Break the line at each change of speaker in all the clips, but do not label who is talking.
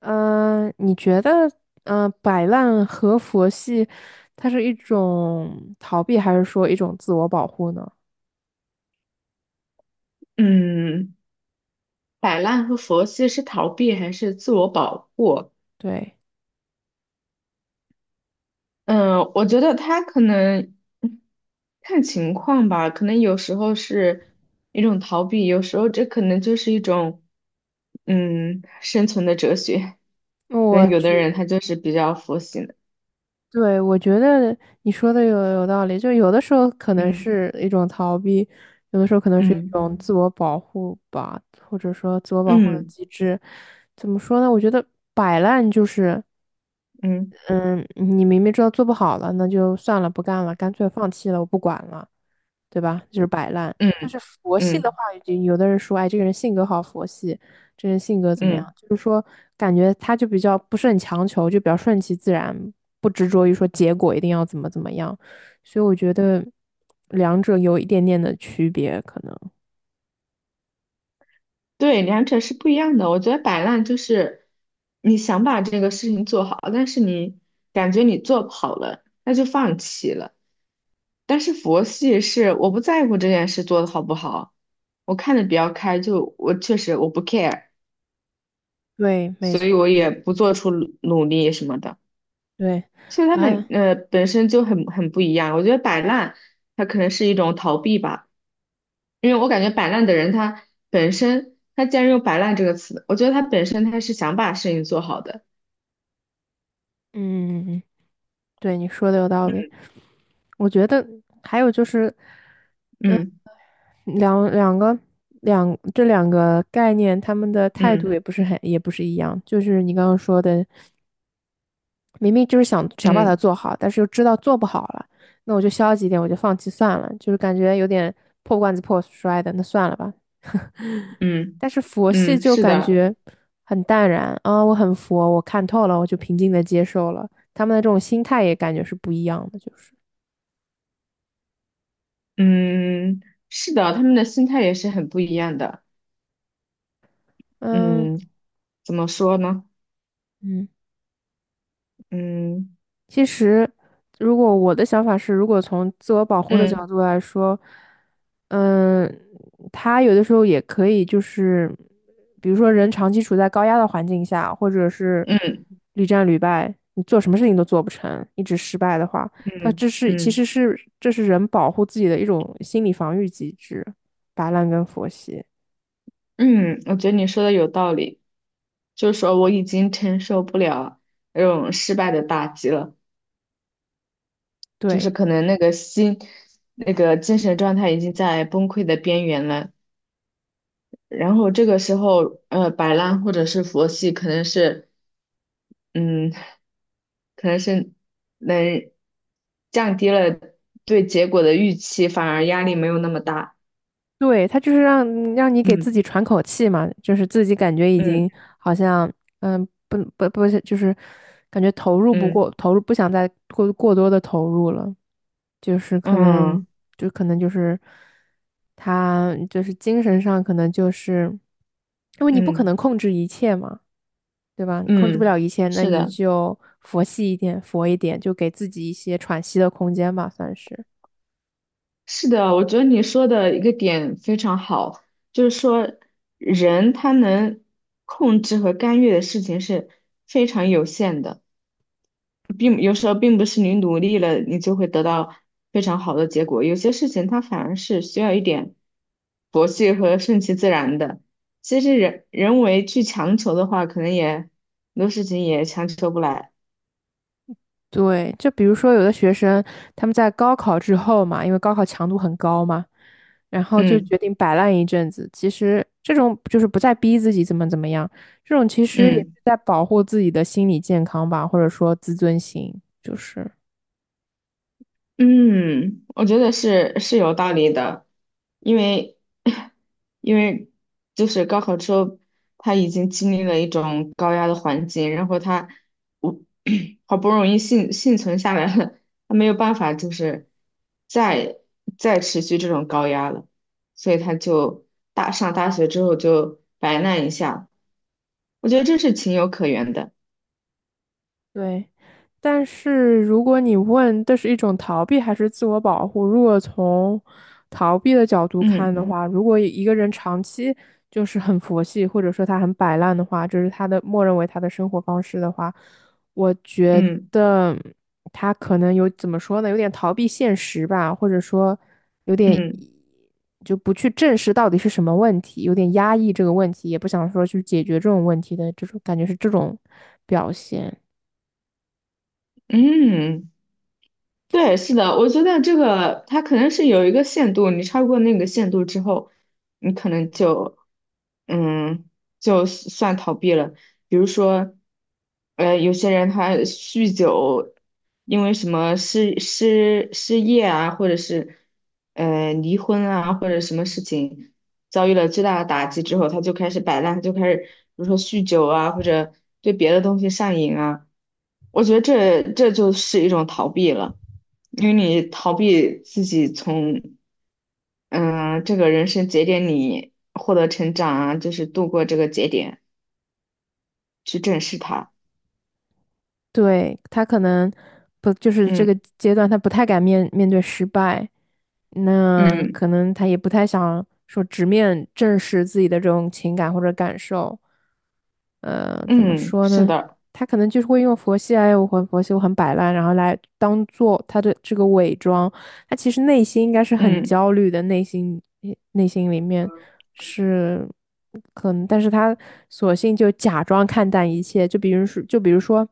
嗯、你觉得，摆烂和佛系，它是一种逃避，还是说一种自我保护呢？
嗯，摆烂和佛系是逃避还是自我保护？
对，
嗯，我觉得他可能嗯看情况吧，可能有时候是一种逃避，有时候这可能就是一种生存的哲学。可
我
能有的
觉
人他就是比较佛系的。
对，我觉得你说的有道理，就有的时候可能
嗯
是一种逃避，有的时候可能是一
嗯
种自我保护吧，或者说自我保护的
嗯
机制。怎么说呢？我觉得摆烂就是，
嗯
嗯，你明明知道做不好了，那就算了，不干了，干脆放弃了，我不管了。对吧？就是摆烂。
嗯
但是佛系的话，
嗯
有的人说，哎，这个人性格好佛系，这个人性格怎么样？
嗯。
就是说，感觉他就比较不是很强求，就比较顺其自然，不执着于说结果一定要怎么怎么样。所以我觉得两者有一点点的区别，可能。
对，两者是不一样的。我觉得摆烂就是你想把这个事情做好，但是你感觉你做不好了，那就放弃了。但是佛系是我不在乎这件事做得好不好，我看的比较开，就我确实我不 care，
对，没
所以我
错，
也不做出努力什么的。
对，
其实他
啊，
们本身就很不一样，我觉得摆烂它可能是一种逃避吧，因为我感觉摆烂的人他本身他既然用摆烂这个词，我觉得他本身他是想把事情做好的。
嗯，对，你说的有道理。我觉得还有就是，
嗯
两两个两这两个概念，他们的态
嗯
度也不是很也不是一样。就是你刚刚说的，明明就是想把它
嗯
做好，但是又知道做不好了，那我就消极一点，我就放弃算了，就是感觉有点破罐子破摔的，那算了吧。
嗯
但是佛系
嗯，
就
是
感
的，
觉很淡然啊，我很佛，我看透了，我就平静的接受了。他们的这种心态也感觉是不一样的，就是
嗯是的，他们的心态也是很不一样的。
嗯
嗯，怎么说呢？
嗯。
嗯
其实，如果我的想法是，如果从自我保护的
嗯
角度来说，嗯，他有的时候也可以，就是比如说人长期处在高压的环境下，或者是
嗯
屡战屡败，你做什么事情都做不成，一直失败的话，他
嗯
这是其实
嗯
是这是人保护自己的一种心理防御机制，摆烂跟佛系。
嗯，我觉得你说的有道理。就是说我已经承受不了那种失败的打击了，就是
对。
可能那个心，那个精神状态已经在崩溃的边缘了。然后这个时候，呃，摆烂或者是佛系，可能是，嗯，可能是能降低了对结果的预期，反而压力没有那么大。
对，他就是让你给
嗯
自己喘口气嘛，就是自己感觉已
嗯
经好像，嗯，不是，就是感觉
嗯
投入不想再过多的投入了，就是可能
嗯
就可能就是他就是精神上可能就是，因为你不可能
嗯
控制一切嘛，对吧？你控制不
嗯，
了一切，那
是
你
的。
就佛系一点，佛一点，就给自己一些喘息的空间吧，算是。
是的，我觉得你说的一个点非常好，就是说人他能控制和干预的事情是非常有限的，并有时候并不是你努力了你就会得到非常好的结果，有些事情它反而是需要一点佛系和顺其自然的。其实人为去强求的话，可能也很多事情也强求不来。
对，就比如说有的学生他们在高考之后嘛，因为高考强度很高嘛，然后就
嗯
决定摆烂一阵子。其实这种就是不再逼自己怎么怎么样，这种其实也
嗯。
是在保护自己的心理健康吧，或者说自尊心，就是。
嗯，我觉得是有道理的，因为 因为就是高考之后，他已经经历了一种高压的环境，然后他我 好不容易幸存下来了，他没有办法就是再再持续这种高压了，所以他就上大学之后就摆烂一下，我觉得这是情有可原的。
对，但是如果你问这是一种逃避还是自我保护，如果从逃避的角度
嗯
看的话，如果一个人长期就是很佛系，或者说他很摆烂的话，就是他的默认为他的生活方式的话，我觉
嗯
得他可能有怎么说呢，有点逃避现实吧，或者说有点
嗯
就不去正视到底是什么问题，有点压抑这个问题，也不想说去解决这种问题的这种感觉是这种表现。
嗯。嗯对，是的，我觉得这个他可能是有一个限度，你超过那个限度之后，你可能就，嗯，就是算逃避了。比如说，有些人他酗酒，因为什么失业啊，或者是离婚啊，或者什么事情，遭遇了巨大的打击之后，他就开始摆烂，就开始比如说酗酒啊，或者对别的东西上瘾啊。我觉得这就是一种逃避了，因为你逃避自己从这个人生节点里获得成长啊，就是度过这个节点，去正视它。
对，他可能不就是这
嗯
个阶段，他不太敢面对失败，那
嗯
可能他也不太想说直面正视自己的这种情感或者感受。呃，怎么
嗯，
说
是
呢？
的，
他可能就是会用佛系，哎，我很佛系，我很摆烂，然后来当做他的这个伪装，他其实内心应该是很焦虑的，内心里面是可能，但是他索性就假装看淡一切，就比如说，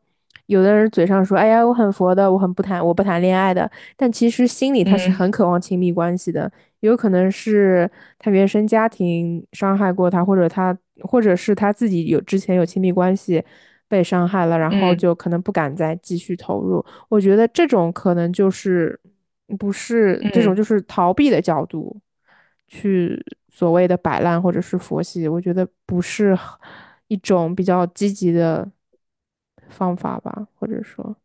有的人嘴上说，哎呀，我很佛的，我很不谈，我不谈恋爱的，但其实心里他是很
嗯
渴望亲密关系的，有可能是他原生家庭伤害过他，或者他，或者是他自己有之前有亲密关系被伤害了，然后
嗯
就可能不敢再继续投入。我觉得这种可能就是不是
嗯嗯。
这种就
嗯
是逃避的角度去所谓的摆烂或者是佛系，我觉得不是一种比较积极的方法吧，或者说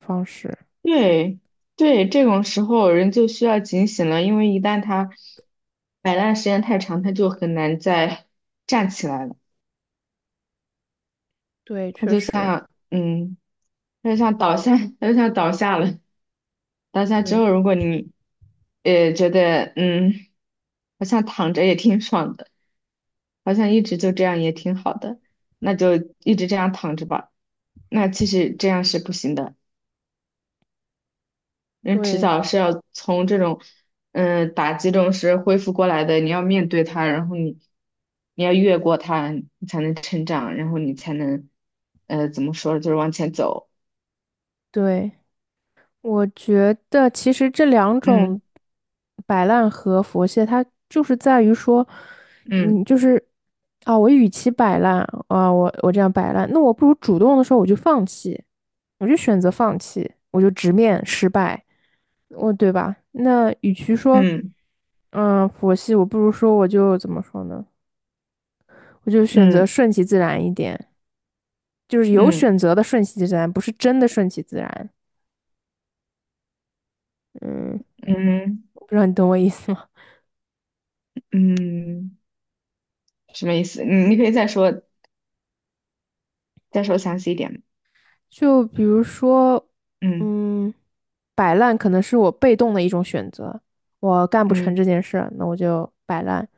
方式。
对对，这种时候人就需要警醒了，因为一旦他摆烂时间太长，他就很难再 站起来了。
对，
他
确
就
实，
像，他就像倒下，他就像倒下了。倒下之
对
后，如果你，觉得，好像躺着也挺爽的，好像一直就这样也挺好的，那就一直这样躺着吧。那其实这样是不行的。人迟
对
早是要从这种打击中是恢复过来的，你要面对它，然后你要越过它，你才能成长，然后你才能怎么说，就是往前走。
对，我觉得其实这两种
嗯
摆烂和佛系，它就是在于说，
嗯
嗯，就是啊，我与其摆烂啊，我这样摆烂，那我不如主动的时候我就放弃，我就选择放弃，我就直面失败，我对吧？那与其说，
嗯
嗯，佛系，我不如说我就怎么说呢？我就选择
嗯
顺其自然一点，就是有
嗯
选择的顺其自然，不是真的顺其自然。嗯，
嗯
不知道你懂我意思吗？
嗯，什么意思？你可
嗯。
以再说详细一点。
就比如说，
嗯
嗯，摆烂可能是我被动的一种选择，我干不成
嗯
这件事，那我就摆烂。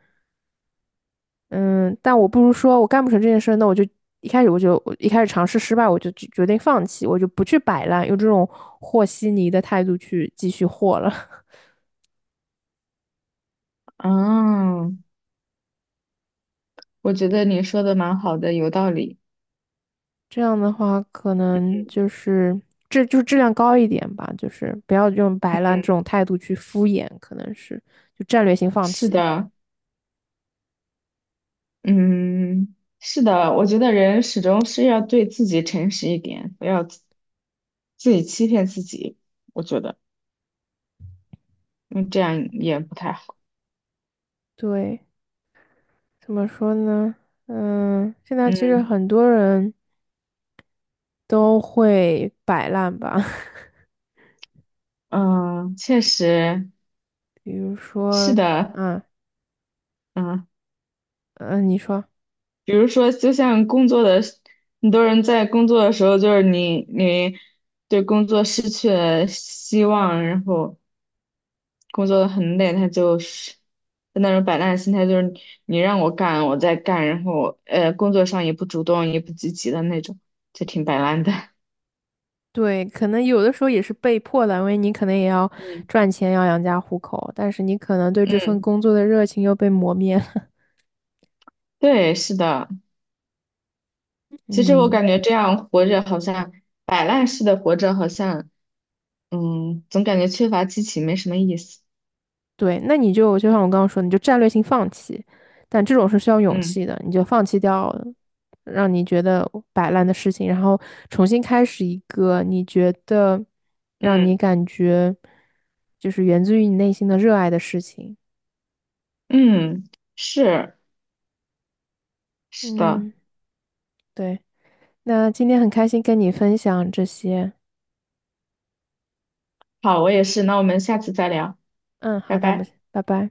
嗯，但我不如说我干不成这件事，那我就一开始尝试失败，我就决定放弃，我就不去摆烂，用这种和稀泥的态度去继续和了。
啊，我觉得你说的蛮好的，有道理。
这样的话，可能就是这就是质量高一点吧，就是不要用摆烂这种态度去敷衍，可能是就战略性放
是
弃。
的，嗯，是的，我觉得人始终是要对自己诚实一点，不要自己欺骗自己。我觉得，嗯，这样也不太好。
对。怎么说呢？嗯，现在其实
嗯
很多人都会摆烂吧，
嗯，确实
比如
是
说，
的。
啊，
嗯，
嗯，你说，
比如说，就像工作的时，很多人在工作的时候，就是你对工作失去了希望，然后工作得很累，他就是就那种摆烂的心态，就是你让我干，我在干，然后工作上也不主动，也不积极的那种，就挺摆烂的。
对，可能有的时候也是被迫的，因为你可能也要
嗯，
赚钱，要养家糊口，但是你可能对这份
嗯，
工作的热情又被磨灭了。
对，是的。其实我
嗯。
感觉这样活着好像摆烂似的活着，好像总感觉缺乏激情，没什么意思。
对，那你就像我刚刚说的你就战略性放弃，但这种是需要勇
嗯
气的，你就放弃掉让你觉得摆烂的事情，然后重新开始一个你觉得让
嗯
你感觉就是源自于你内心的热爱的事情。
嗯，是是的。
嗯，对，那今天很开心跟你分享这些。
好，我也是。那我们下次再聊，
嗯，
拜
好的，我们
拜。
拜拜。